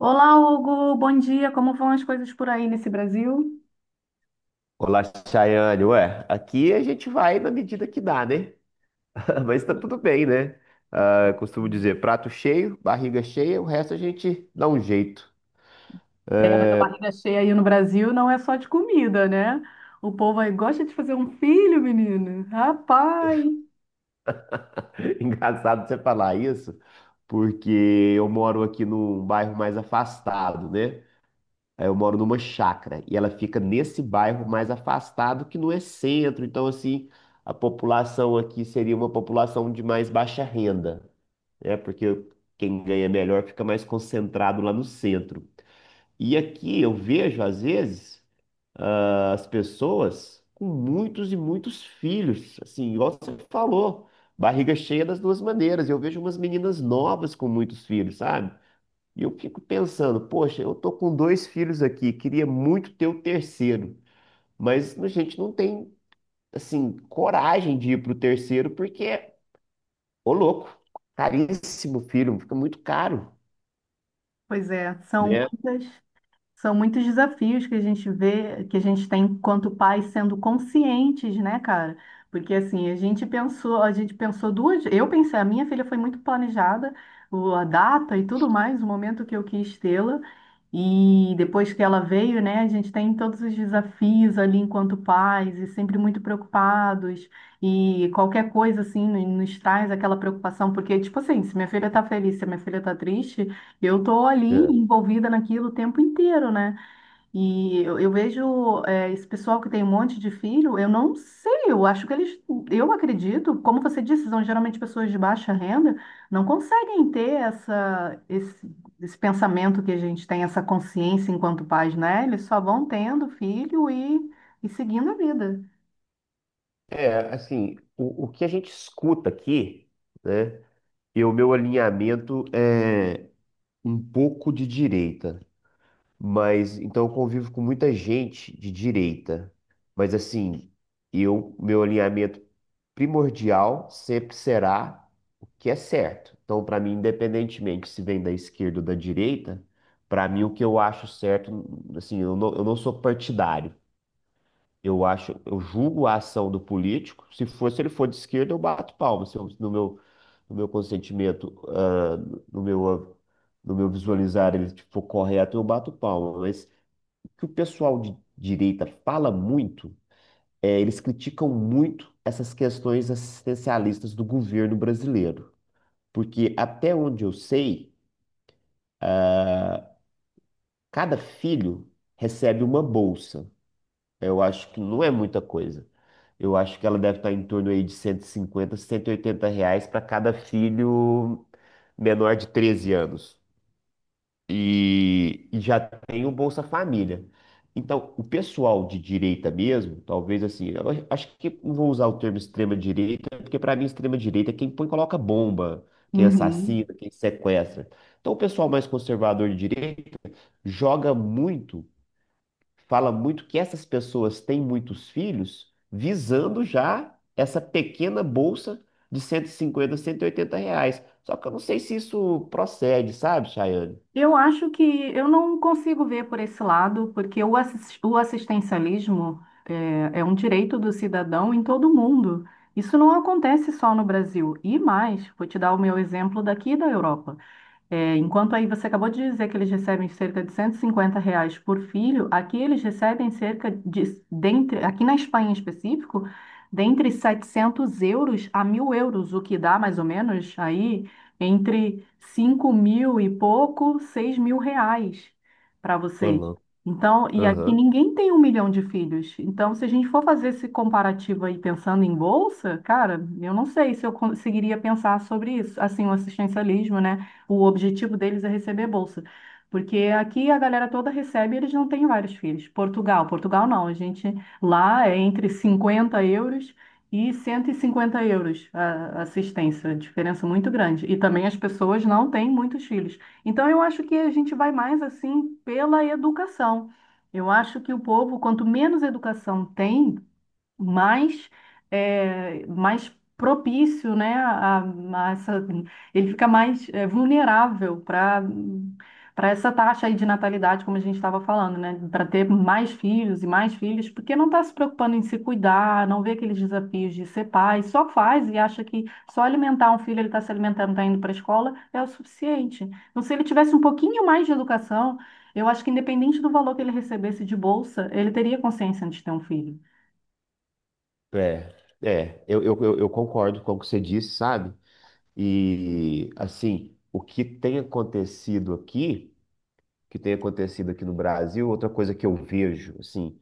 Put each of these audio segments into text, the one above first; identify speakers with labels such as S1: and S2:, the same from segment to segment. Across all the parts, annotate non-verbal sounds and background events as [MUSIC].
S1: Olá, Hugo, bom dia. Como vão as coisas por aí nesse Brasil?
S2: Olá, Chayane. Ué, aqui a gente vai na medida que dá, né? [LAUGHS] Mas tá tudo bem, né? Ah, eu costumo dizer, prato cheio, barriga cheia, o resto a gente dá um jeito.
S1: Mas a barriga cheia aí no Brasil não é só de comida, né? O povo aí gosta de fazer um filho, menino. Rapaz!
S2: [LAUGHS] Engraçado você falar isso, porque eu moro aqui num bairro mais afastado, né? Eu moro numa chácara e ela fica nesse bairro mais afastado que não é centro. Então, assim, a população aqui seria uma população de mais baixa renda. Né? Porque quem ganha melhor fica mais concentrado lá no centro. E aqui eu vejo, às vezes, as pessoas com muitos e muitos filhos, assim, igual você falou, barriga cheia das duas maneiras. Eu vejo umas meninas novas com muitos filhos, sabe? E eu fico pensando, poxa, eu tô com dois filhos aqui, queria muito ter o terceiro, mas a gente não tem, assim, coragem de ir pro terceiro porque, ô louco, caríssimo filho, fica muito caro.
S1: Pois é, são
S2: Né?
S1: muitas. São muitos desafios que a gente vê, que a gente tem enquanto pais sendo conscientes, né, cara? Porque assim, a gente pensou duas, eu pensei, a minha filha foi muito planejada, a data e tudo mais, o momento que eu quis tê-la. E depois que ela veio, né, a gente tem todos os desafios ali enquanto pais e sempre muito preocupados. E qualquer coisa assim nos traz aquela preocupação, porque tipo assim, se minha filha tá feliz, se minha filha tá triste, eu tô ali
S2: É.
S1: envolvida naquilo o tempo inteiro, né? E eu vejo esse pessoal que tem um monte de filho, eu não sei, eu acho que eles, eu acredito, como você disse, são geralmente pessoas de baixa renda, não conseguem ter essa, esse pensamento que a gente tem, essa consciência enquanto pais, né? Eles só vão tendo filho e seguindo a vida.
S2: É, assim, o que a gente escuta aqui, né? E o meu alinhamento é um pouco de direita, mas então eu convivo com muita gente de direita. Mas assim, eu, meu alinhamento primordial sempre será o que é certo. Então, para mim, independentemente se vem da esquerda ou da direita, para mim o que eu acho certo, assim, eu não sou partidário. Eu acho, eu julgo a ação do político. Se for, se ele for de esquerda, eu bato palma, se eu- no meu consentimento, no meu, no meu visualizar ele tipo, for correto, eu bato palma. Mas o que o pessoal de direita fala muito é, eles criticam muito essas questões assistencialistas do governo brasileiro. Porque até onde eu sei, cada filho recebe uma bolsa. Eu acho que não é muita coisa. Eu acho que ela deve estar em torno aí de 150, R$ 180 para cada filho menor de 13 anos. E já tem o Bolsa Família. Então, o pessoal de direita mesmo, talvez assim, eu acho que não vou usar o termo extrema direita, porque para mim extrema direita é quem põe e coloca bomba, quem
S1: Uhum.
S2: assassina, quem sequestra. Então, o pessoal mais conservador de direita joga muito fala muito que essas pessoas têm muitos filhos visando já essa pequena bolsa de cento e cinquenta R$ 180. Só que eu não sei se isso procede, sabe, Chayane?
S1: Eu acho que eu não consigo ver por esse lado, porque o assistencialismo é um direito do cidadão em todo o mundo. Isso não acontece só no Brasil. E mais, vou te dar o meu exemplo daqui da Europa. É, enquanto aí você acabou de dizer que eles recebem cerca de 150 reais por filho, aqui eles recebem cerca de, dentre, aqui na Espanha em específico, dentre 700 euros a 1.000 euros, o que dá mais ou menos aí entre 5.000 e pouco, 6.000 reais para
S2: Ou
S1: vocês.
S2: não.
S1: Então, e aqui
S2: Aham.
S1: ninguém tem um milhão de filhos. Então, se a gente for fazer esse comparativo aí pensando em bolsa, cara, eu não sei se eu conseguiria pensar sobre isso, assim, o assistencialismo, né? O objetivo deles é receber bolsa. Porque aqui a galera toda recebe e eles não têm vários filhos. Portugal, Portugal não. A gente lá é entre 50 euros e 150 euros a assistência. Diferença muito grande. E também as pessoas não têm muitos filhos. Então eu acho que a gente vai mais assim pela educação. Eu acho que o povo, quanto menos educação tem, mais, mais propício, né, a essa, ele fica mais vulnerável para essa taxa aí de natalidade, como a gente estava falando, né, para ter mais filhos e mais filhos, porque não está se preocupando em se cuidar, não vê aqueles desafios de ser pai, só faz e acha que só alimentar um filho, ele está se alimentando, está indo para a escola, é o suficiente. Então, se ele tivesse um pouquinho mais de educação, eu acho que independente do valor que ele recebesse de bolsa, ele teria consciência antes de ter um filho.
S2: É, é, eu concordo com o que você disse, sabe? E, assim, o que tem acontecido aqui, o que tem acontecido aqui no Brasil, outra coisa que eu vejo, assim,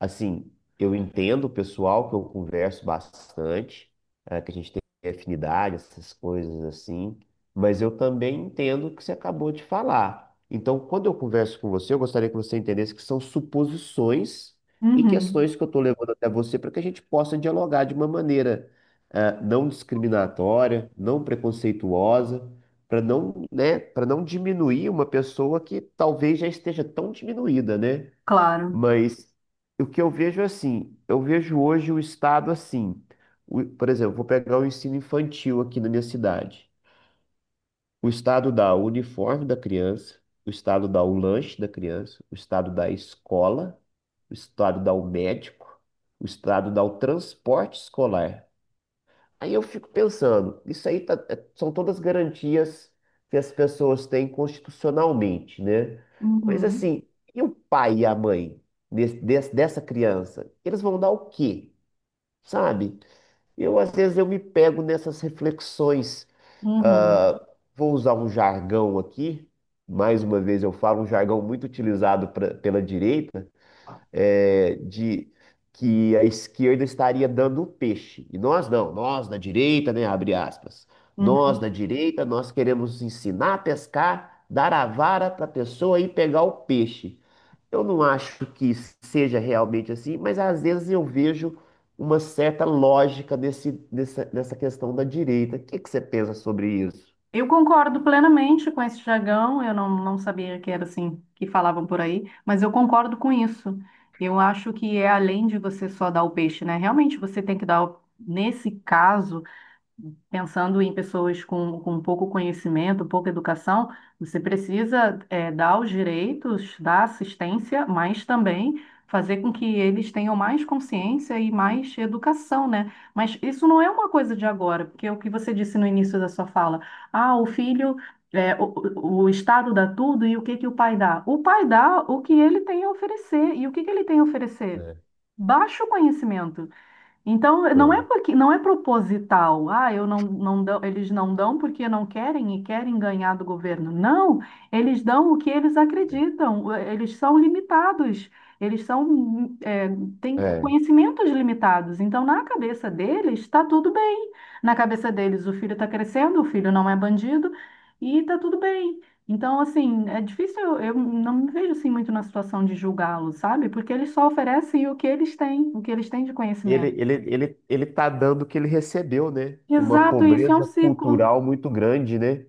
S2: Assim, eu entendo o pessoal que eu converso bastante, que a gente tem afinidade, essas coisas assim, mas eu também entendo o que você acabou de falar. Então, quando eu converso com você, eu gostaria que você entendesse que são suposições e
S1: Uhum.
S2: questões que eu estou levando até você para que a gente possa dialogar de uma maneira, não discriminatória, não preconceituosa, para não, né, para não diminuir uma pessoa que talvez já esteja tão diminuída, né?
S1: Claro.
S2: Mas o que eu vejo é assim, eu vejo hoje o Estado assim. Por exemplo, vou pegar o ensino infantil aqui na minha cidade. O Estado dá o uniforme da criança, o Estado dá o lanche da criança, o Estado dá a escola, o Estado dá o médico, o Estado dá o transporte escolar. Aí eu fico pensando, isso aí são todas garantias que as pessoas têm constitucionalmente, né? Mas
S1: Uhum,
S2: assim, e o pai e a mãe dessa criança? Eles vão dar o quê? Sabe? Eu, às vezes, eu me pego nessas reflexões.
S1: uhum,
S2: ah, Vou usar um jargão aqui. Mais uma vez, eu falo um jargão muito utilizado pela direita de que a esquerda estaria dando o peixe. E nós não, nós da direita, né, abre aspas. Nós da
S1: uhum.
S2: direita, nós queremos ensinar a pescar, dar a vara para a pessoa e pegar o peixe. Eu não acho que seja realmente assim, mas às vezes eu vejo uma certa lógica nessa questão da direita. O que que você pensa sobre isso?
S1: Eu concordo plenamente com esse jargão. Eu não, não sabia que era assim que falavam por aí, mas eu concordo com isso. Eu acho que é além de você só dar o peixe, né? Realmente você tem que dar, o- nesse caso, pensando em pessoas com pouco conhecimento, pouca educação, você precisa dar os direitos, dar assistência, mas também fazer com que eles tenham mais consciência e mais educação, né? Mas isso não é uma coisa de agora, porque é o que você disse no início da sua fala, ah, o filho. eh, o, o Estado dá tudo e o que que o pai dá? O pai dá o que ele tem a oferecer. E o que que ele tem a oferecer?
S2: É.
S1: Baixo conhecimento. Então, não é
S2: Hum.
S1: porque não é proposital. Ah, eu não, não dão, eles não dão porque não querem e querem ganhar do governo. Não, eles dão o que eles acreditam. Eles são limitados. Eles são, é, têm conhecimentos limitados. Então, na cabeça deles, está tudo bem. Na cabeça deles, o filho está crescendo, o filho não é bandido e está tudo bem. Então, assim, é difícil, eu não me vejo assim muito na situação de julgá-los, sabe? Porque eles só oferecem o que eles têm, o que eles têm de
S2: Ele,
S1: conhecimento.
S2: ele, ele, ele tá dando o que ele recebeu, né? Uma
S1: Exato, isso é um
S2: pobreza
S1: ciclo.
S2: cultural muito grande, né?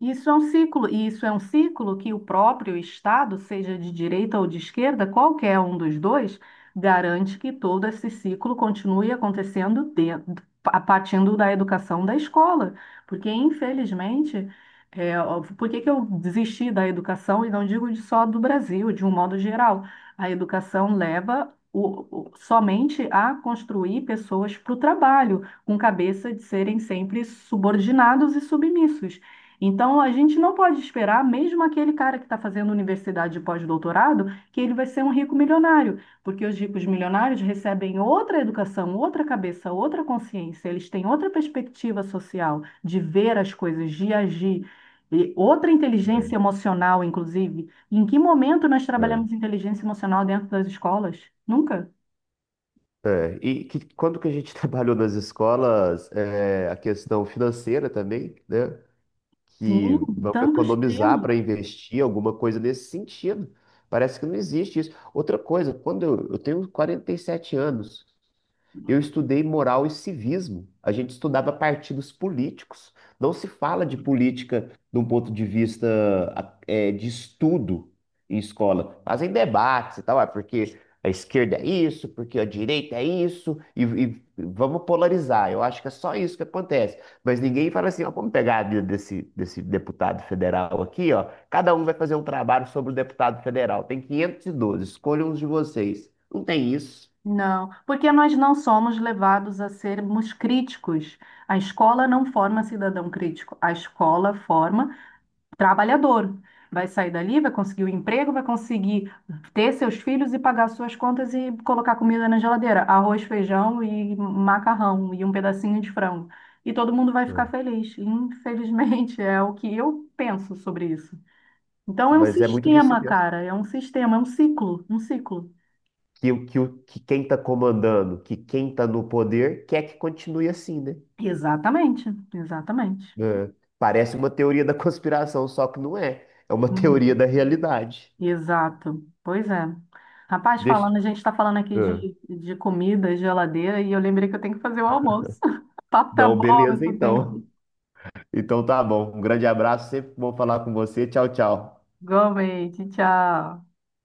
S1: Isso é um ciclo, e isso é um ciclo que o próprio Estado, seja de direita ou de esquerda, qualquer um dos dois, garante que todo esse ciclo continue acontecendo dentro, a partindo da educação da escola. Porque, infelizmente, ó, por que que eu desisti da educação, e não digo de só do Brasil, de um modo geral? A educação leva somente a construir pessoas para o trabalho, com cabeça de serem sempre subordinados e submissos. Então, a gente não pode esperar, mesmo aquele cara que está fazendo universidade de pós-doutorado, que ele vai ser um rico milionário, porque os ricos milionários recebem outra educação, outra cabeça, outra consciência, eles têm outra perspectiva social de ver as coisas, de agir, e outra inteligência emocional, inclusive. Em que momento nós
S2: É.
S1: trabalhamos inteligência emocional dentro das escolas? Nunca.
S2: É. E que, quando que a gente [LAUGHS] trabalhou nas escolas, a questão financeira também, né? Que
S1: Sim,
S2: vamos
S1: tantos
S2: economizar
S1: temas.
S2: para investir alguma coisa nesse sentido. Parece que não existe isso. Outra coisa, quando eu tenho 47 anos. Eu estudei moral e civismo. A gente estudava partidos políticos. Não se fala de política de um ponto de vista de estudo em escola. Fazem debates e tal, porque a esquerda é isso, porque a direita é isso, e vamos polarizar. Eu acho que é só isso que acontece. Mas ninguém fala assim, ó, vamos pegar a vida desse deputado federal aqui, ó. Cada um vai fazer um trabalho sobre o deputado federal. Tem 512. Escolham uns de vocês. Não tem isso.
S1: Não, porque nós não somos levados a sermos críticos. A escola não forma cidadão crítico, a escola forma trabalhador. Vai sair dali, vai conseguir o emprego, vai conseguir ter seus filhos e pagar suas contas e colocar comida na geladeira, arroz, feijão e macarrão e um pedacinho de frango. E todo mundo vai ficar
S2: É.
S1: feliz. Infelizmente, [LAUGHS] é o que eu penso sobre isso. Então, é um
S2: Mas é muito disso
S1: sistema,
S2: mesmo.
S1: cara, é um sistema, é um ciclo, um ciclo.
S2: Que quem está comandando, que quem está no poder, quer que continue assim, né?
S1: Exatamente, exatamente.
S2: É. Parece uma teoria da [LAUGHS] conspiração, só que não é. É uma teoria
S1: Uhum.
S2: da realidade.
S1: Exato. Pois é. Rapaz,
S2: Deixa.
S1: falando, a gente está falando aqui
S2: É.
S1: de comida, geladeira, e eu lembrei que eu tenho que fazer o almoço. [LAUGHS] O papo tá
S2: Não,
S1: bom, mas
S2: beleza,
S1: eu tenho
S2: então.
S1: que.
S2: [LAUGHS] Então tá bom. Um grande abraço, sempre bom falar com você. Tchau, tchau.
S1: Igualmente, tchau.